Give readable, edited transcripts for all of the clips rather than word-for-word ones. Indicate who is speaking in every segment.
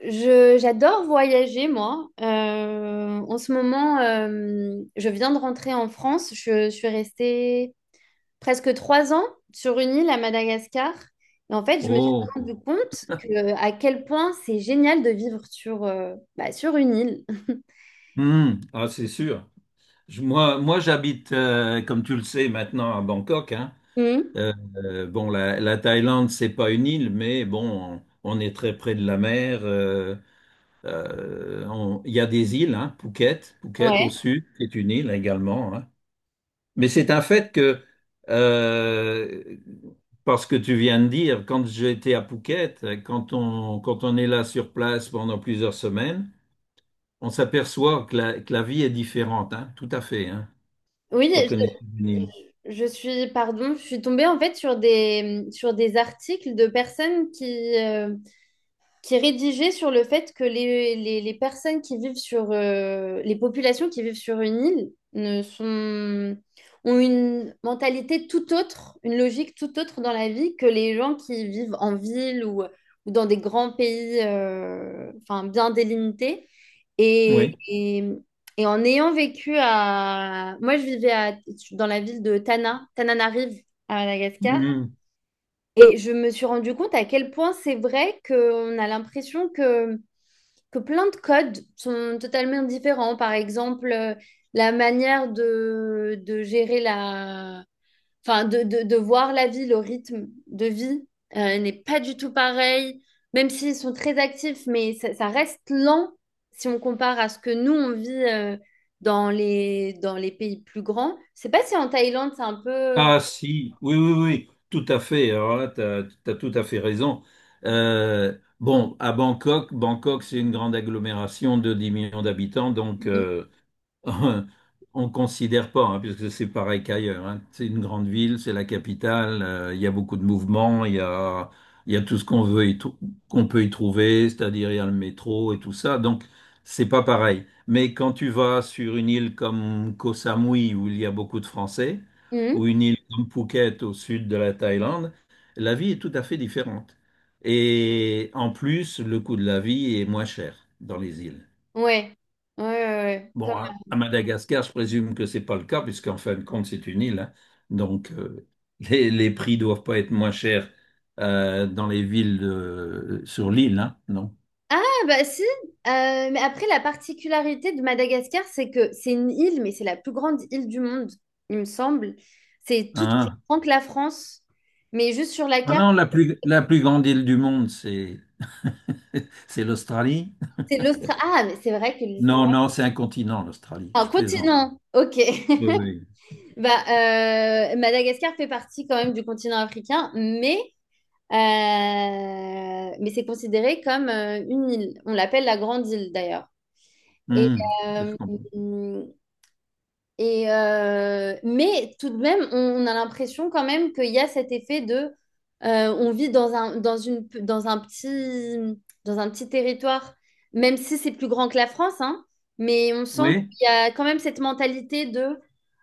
Speaker 1: J'adore voyager, moi. En ce moment, je viens de rentrer en France. Je suis restée presque 3 ans sur une île à Madagascar. Et en fait, je me suis
Speaker 2: Oh,
Speaker 1: rendu compte, que, à quel point c'est génial de vivre sur une île.
Speaker 2: hmm, ah, c'est sûr. Moi, j'habite, comme tu le sais maintenant, à Bangkok, hein.
Speaker 1: Mhm.
Speaker 2: Bon, la Thaïlande, c'est pas une île, mais bon, on est très près de la mer. Il y a des îles, hein, Phuket au
Speaker 1: Ouais.
Speaker 2: sud, c'est une île également. Hein. Mais c'est un fait que, euh, parce que tu viens de dire, quand j'étais à Phuket, quand on est là sur place pendant plusieurs semaines, on s'aperçoit que que la vie est différente, hein, tout à fait, hein,
Speaker 1: Oui,
Speaker 2: quand on est juvénile.
Speaker 1: je suis tombée en fait sur des articles de personnes qui est rédigé sur le fait que les, les personnes qui vivent sur les populations qui vivent sur une île ne sont, ont une mentalité tout autre, une logique tout autre dans la vie que les gens qui vivent en ville, ou dans des grands pays, enfin, bien délimités. Et,
Speaker 2: Oui.
Speaker 1: et, et en ayant vécu à... Moi, je vivais à- dans la ville de Tana, Tananarive, à Madagascar.
Speaker 2: Mhm.
Speaker 1: Et je me suis rendu compte à quel point c'est vrai qu'on a l'impression que plein de codes sont totalement différents. Par exemple, la manière de gérer la... Enfin, de voir la vie, le rythme de vie n'est pas du tout pareil, même s'ils sont très actifs, mais ça reste lent si on compare à ce que nous, on vit, dans les pays plus grands. Je sais pas si en Thaïlande, c'est un peu...
Speaker 2: Ah si, oui, oui, oui, tout à fait. Alors là, tu as, tout à fait raison. Bon, à Bangkok, Bangkok, c'est une grande agglomération de 10 millions d'habitants, donc...
Speaker 1: Mhm.
Speaker 2: On considère pas, hein, puisque c'est pareil qu'ailleurs. Hein. C'est une grande ville, c'est la capitale, il y a beaucoup de mouvements, il y a tout ce qu'on veut y trou- qu'on peut y trouver, c'est-à-dire il y a le métro et tout ça. Donc, c'est pas pareil. Mais quand tu vas sur une île comme Koh Samui, où il y a beaucoup de Français, ou
Speaker 1: Mhm.
Speaker 2: une île comme Phuket au sud de la Thaïlande, la vie est tout à fait différente. Et en plus, le coût de la vie est moins cher dans les îles.
Speaker 1: Ouais. Ouais, ouais, ouais.
Speaker 2: Bon, à Madagascar, je présume que c'est pas le cas, puisqu'en fin de compte, c'est une île. Hein. Donc, les prix doivent pas être moins chers dans les villes sur l'île, hein, non?
Speaker 1: Ah, bah, si. Mais après, la particularité de Madagascar, c'est que c'est une île, mais c'est la plus grande île du monde, il me semble. C'est tout aussi
Speaker 2: Hein?
Speaker 1: grand que la France, mais juste sur la
Speaker 2: Ah
Speaker 1: carte,
Speaker 2: non, la plus grande île du monde, c'est c'est l'Australie.
Speaker 1: c'est l'Australie. Ah, mais c'est vrai que
Speaker 2: Non, non, c'est un continent, l'Australie.
Speaker 1: un
Speaker 2: Je plaisante.
Speaker 1: continent, ok.
Speaker 2: Oui, oui.
Speaker 1: Bah, Madagascar fait partie quand même du continent africain, mais euh, mais c'est considéré comme une île. On l'appelle la grande île d'ailleurs. Et
Speaker 2: Hmm, ça, je
Speaker 1: euh,
Speaker 2: comprends.
Speaker 1: Mais tout de même, on a l'impression quand même qu'il y a cet effet de, on vit dans un, dans une, dans un petit territoire, même si c'est plus grand que la France, hein, mais on sent
Speaker 2: Oui,
Speaker 1: qu'il y a quand même cette mentalité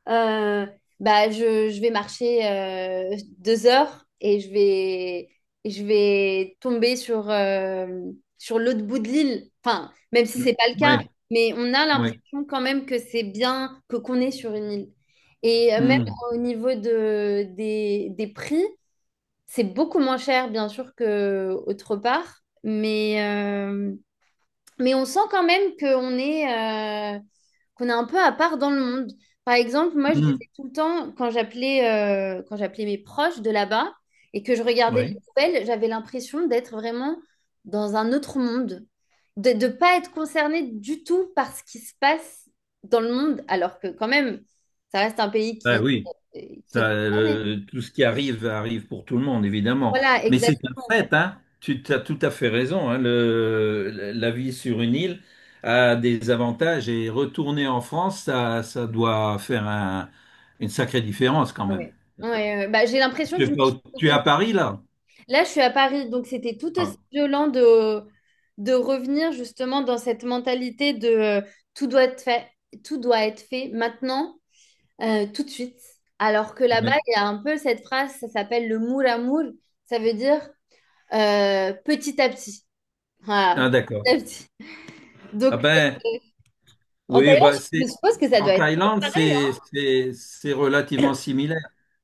Speaker 1: euh, je vais marcher 2 heures, et je vais tomber sur l'autre bout de l'île. Enfin, même si
Speaker 2: oui,
Speaker 1: c'est pas le cas,
Speaker 2: oui.
Speaker 1: mais on a l'impression
Speaker 2: Oui.
Speaker 1: sens quand même que c'est bien que qu'on est sur une île. Et, même
Speaker 2: Hmm,
Speaker 1: au niveau des prix, c'est beaucoup moins cher, bien sûr, qu'autre part. Mais on sent quand même qu'on est un peu à part dans le monde. Par exemple, moi, je disais
Speaker 2: hmm,
Speaker 1: tout le temps, quand j'appelais mes proches de là-bas et que je regardais
Speaker 2: oui.
Speaker 1: les nouvelles, j'avais l'impression d'être vraiment dans un autre monde, de ne pas être concernée du tout par ce qui se passe dans le monde, alors que quand même, ça reste un pays
Speaker 2: Ben
Speaker 1: qui,
Speaker 2: oui.
Speaker 1: qui
Speaker 2: Ça,
Speaker 1: est concerné.
Speaker 2: tout ce qui arrive arrive pour tout le monde, évidemment.
Speaker 1: Voilà,
Speaker 2: Mais c'est un
Speaker 1: exactement.
Speaker 2: fait, hein. Tu as tout à fait raison. Hein. La vie sur une île a des avantages et retourner en France, ça doit faire une sacrée différence quand
Speaker 1: Ah,
Speaker 2: même.
Speaker 1: ouais. Ouais, ouais. Bah, j'ai l'impression
Speaker 2: Tu
Speaker 1: que
Speaker 2: es
Speaker 1: je me
Speaker 2: pas
Speaker 1: suis
Speaker 2: au- tu es
Speaker 1: reconnue.
Speaker 2: à Paris là?
Speaker 1: Là, je suis à Paris, donc c'était tout aussi
Speaker 2: Ah,
Speaker 1: violent de revenir justement dans cette mentalité de, tout doit être fait, tout doit être fait maintenant, tout de suite. Alors que là-bas,
Speaker 2: oui.
Speaker 1: il y a un peu cette phrase, ça s'appelle le moule à moule, ça veut dire, petit à petit. Voilà,
Speaker 2: Ah, d'accord.
Speaker 1: petit à petit.
Speaker 2: Ah
Speaker 1: Donc,
Speaker 2: ben,
Speaker 1: euh, en
Speaker 2: oui,
Speaker 1: Thaïlande, je suppose que ça
Speaker 2: en
Speaker 1: doit être
Speaker 2: Thaïlande,
Speaker 1: pareil,
Speaker 2: c'est relativement similaire.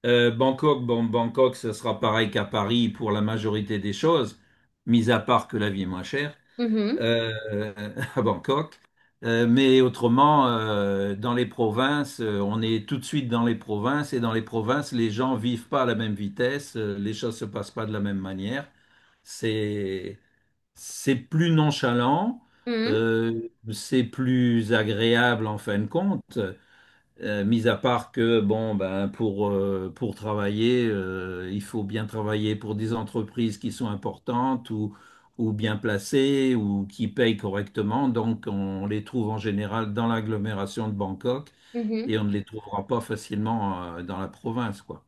Speaker 2: Bangkok, bon, Bangkok, ce sera pareil qu'à Paris pour la majorité des choses, mis à part que la vie est moins chère
Speaker 1: hein. Mhm,
Speaker 2: euh, à Bangkok. Mais autrement, dans les provinces, on est tout de suite dans les provinces et dans les provinces, les gens vivent pas à la même vitesse, les choses se passent pas de la même manière. C'est c'est plus nonchalant. Mhm.
Speaker 1: mhm,
Speaker 2: C'est plus agréable en fin de compte, mis à part que bon ben pour travailler, il faut bien travailler pour des entreprises qui sont importantes ou bien placées ou qui payent correctement. Donc on les trouve en général dans l'agglomération de Bangkok et
Speaker 1: mhm.
Speaker 2: on ne les trouvera pas facilement dans la province quoi.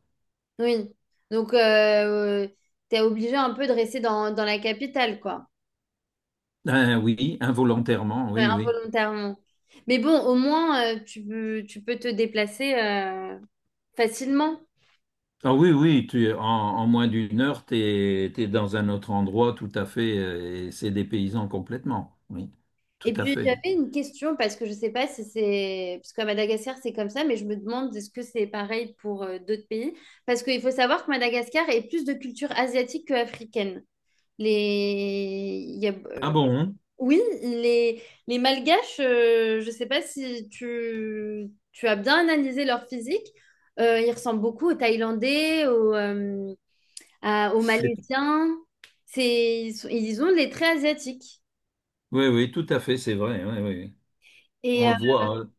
Speaker 1: Oui. Donc, tu es obligé un peu de rester dans la capitale, quoi.
Speaker 2: Ben oui, involontairement,
Speaker 1: Ouais,
Speaker 2: oui, oui.
Speaker 1: involontairement. Mais bon, au moins, tu peux te déplacer facilement.
Speaker 2: Ah oui, oui, tu es en moins d'1 heure, tu es, dans un autre endroit tout à fait, et c'est des paysans complètement. Oui, tout
Speaker 1: Et
Speaker 2: à
Speaker 1: puis,
Speaker 2: fait.
Speaker 1: j'avais une question, parce que je ne sais pas si c'est... Parce qu'à Madagascar, c'est comme ça, mais je me demande est-ce que c'est pareil pour d'autres pays? Parce qu'il faut savoir que Madagascar est plus de culture asiatique que africaine. Les... il y a-
Speaker 2: Ah bon?
Speaker 1: Oui, les Malgaches, je ne sais pas si tu as bien analysé leur physique. Ils ressemblent beaucoup aux Thaïlandais, aux
Speaker 2: C'est-
Speaker 1: Malaisiens. Ils ont les traits asiatiques.
Speaker 2: Oui, oui, tout à fait, c'est vrai. Oui, oui. On
Speaker 1: Et euh,
Speaker 2: le voit. Hein.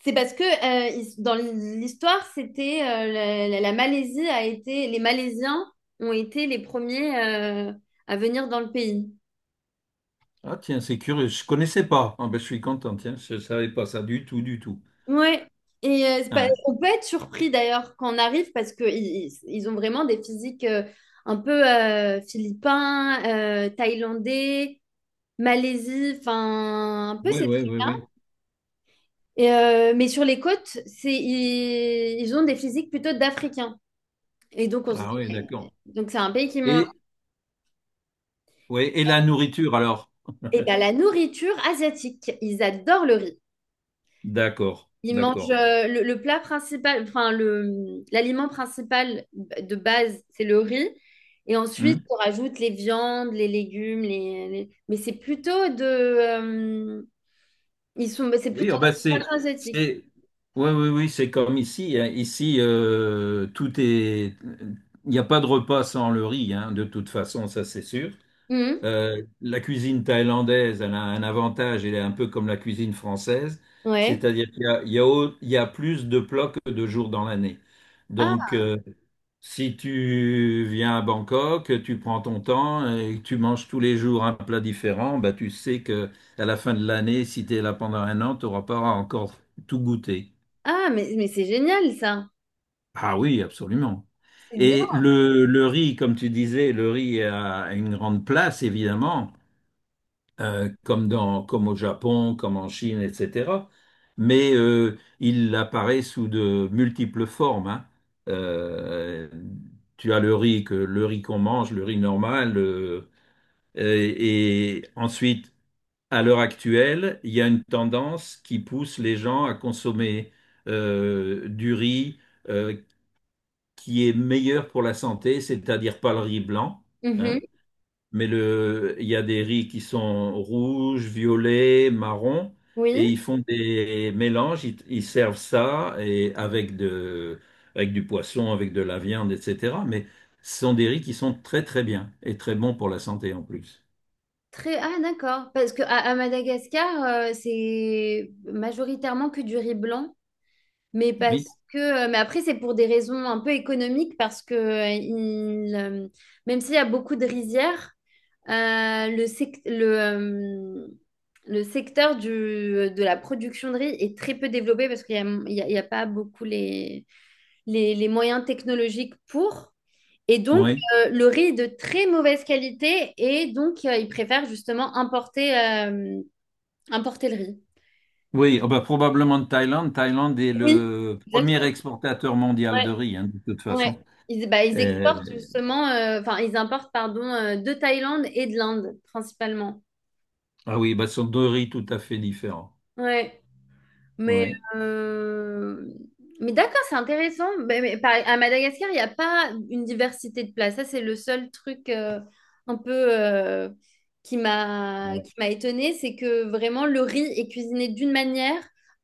Speaker 1: c'est parce que, dans l'histoire, c'était, la Malaisie a été, les Malaisiens ont été les premiers, à venir dans le pays.
Speaker 2: Ah tiens, c'est curieux, je connaissais pas. Ah ben, je suis content, tiens, je ne savais pas ça du tout, du tout.
Speaker 1: Ouais. Et c'est pas-
Speaker 2: Ah,
Speaker 1: On peut être surpris d'ailleurs quand on arrive parce que ils ont vraiment des physiques, un peu, philippins, thaïlandais, Malaisie, enfin un peu
Speaker 2: oui,
Speaker 1: ces
Speaker 2: oui, oui,
Speaker 1: trucs.
Speaker 2: oui.
Speaker 1: Mais sur les côtes, ils ont des physiques plutôt d'Africains. Et donc,
Speaker 2: Ah oui, d'accord.
Speaker 1: donc c'est un pays qui mange.
Speaker 2: Et, ouais, et la nourriture alors?
Speaker 1: Et bien, la nourriture asiatique, ils adorent le riz.
Speaker 2: D'accord,
Speaker 1: Ils mangent,
Speaker 2: d'accord.
Speaker 1: le plat principal, enfin, l'aliment principal de base, c'est le riz. Et ensuite,
Speaker 2: Hmm?
Speaker 1: on rajoute les viandes, les légumes, mais c'est plutôt de. C'est plutôt
Speaker 2: Oui,
Speaker 1: d'inspiration asiatique.
Speaker 2: c'est, oui, oui, oui, c'est comme ici. Hein. Ici, il n'y a pas de repas sans le riz, hein, de toute façon, ça c'est sûr.
Speaker 1: Mhm.
Speaker 2: La cuisine thaïlandaise, elle a un avantage, elle est un peu comme la cuisine française,
Speaker 1: Ouais.
Speaker 2: c'est-à-dire qu'il y a plus de plats que de jours dans l'année.
Speaker 1: Ah,
Speaker 2: Donc, si tu viens à Bangkok, tu prends ton temps et tu manges tous les jours un plat différent, bah tu sais que à la fin de l'année, si tu es là pendant un an, tu n'auras pas encore tout goûté.
Speaker 1: mais c'est génial, ça.
Speaker 2: Ah oui, absolument.
Speaker 1: C'est bien.
Speaker 2: Et le riz, comme tu disais, le riz a une grande place, évidemment. Comme dans, comme au Japon, comme en Chine, etc. Mais il apparaît sous de multiples formes. Hein. Euh, tu as le riz que le riz qu'on mange, le riz normal, et ensuite, à l'heure actuelle, il y a une tendance qui pousse les gens à consommer du riz euh, qui est meilleur pour la santé, c'est-à-dire pas le riz blanc.
Speaker 1: Mhm.
Speaker 2: Hein mais le, il y a des riz qui sont rouges, violets, marrons, et
Speaker 1: Oui.
Speaker 2: ils font des mélanges, ils servent ça et avec de, avec du poisson, avec de la viande, etc. Mais ce sont des riz qui sont très très bien et très bons pour la santé en plus.
Speaker 1: Très, ah, d'accord, parce que à Madagascar, c'est majoritairement que du riz blanc, mais parce
Speaker 2: Oui,
Speaker 1: que, mais après c'est pour des raisons un peu économiques, parce que même s'il y a beaucoup de rizières, euh, le, sec- le, euh, le secteur de la production de riz est très peu développé parce qu'il n'y a, il y a pas beaucoup les moyens technologiques pour. Et donc,
Speaker 2: oui.
Speaker 1: le riz est de très mauvaise qualité et donc, ils préfèrent justement importer, importer le riz.
Speaker 2: Oui, ah bah, probablement de Thaïlande. Thaïlande est
Speaker 1: Oui,
Speaker 2: le premier
Speaker 1: exactement.
Speaker 2: exportateur mondial de
Speaker 1: Ouais,
Speaker 2: riz, hein, de toute
Speaker 1: ouais.
Speaker 2: façon.
Speaker 1: Bah, ils
Speaker 2: Euh,
Speaker 1: exportent justement, enfin, ils importent, pardon, de Thaïlande et de l'Inde, principalement.
Speaker 2: ah oui, bah, ce sont deux riz tout à fait différents.
Speaker 1: Ouais. Mais,
Speaker 2: Oui,
Speaker 1: euh, mais d'accord, c'est intéressant. Mais à Madagascar, il n'y a pas une diversité de places. Ça, c'est le seul truc, un peu, qui m'a étonnée, c'est que vraiment le riz est cuisiné d'une manière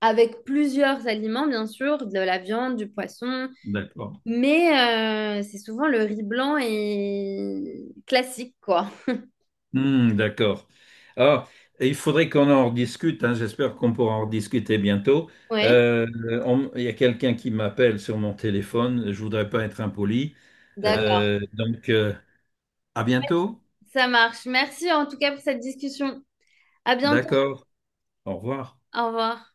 Speaker 1: avec plusieurs aliments, bien sûr, de la viande, du poisson,
Speaker 2: d'accord.
Speaker 1: mais, c'est souvent le riz blanc et classique, quoi.
Speaker 2: Hmm, d'accord. Ah, il faudrait qu'on en rediscute, hein, j'espère qu'on pourra en rediscuter bientôt.
Speaker 1: Ouais,
Speaker 2: Euh, il y a quelqu'un qui m'appelle sur mon téléphone, je voudrais pas être impoli. Ah,
Speaker 1: d'accord,
Speaker 2: Donc, à bientôt.
Speaker 1: ça marche. Merci en tout cas pour cette discussion. À bientôt.
Speaker 2: D'accord. Au revoir.
Speaker 1: Au revoir.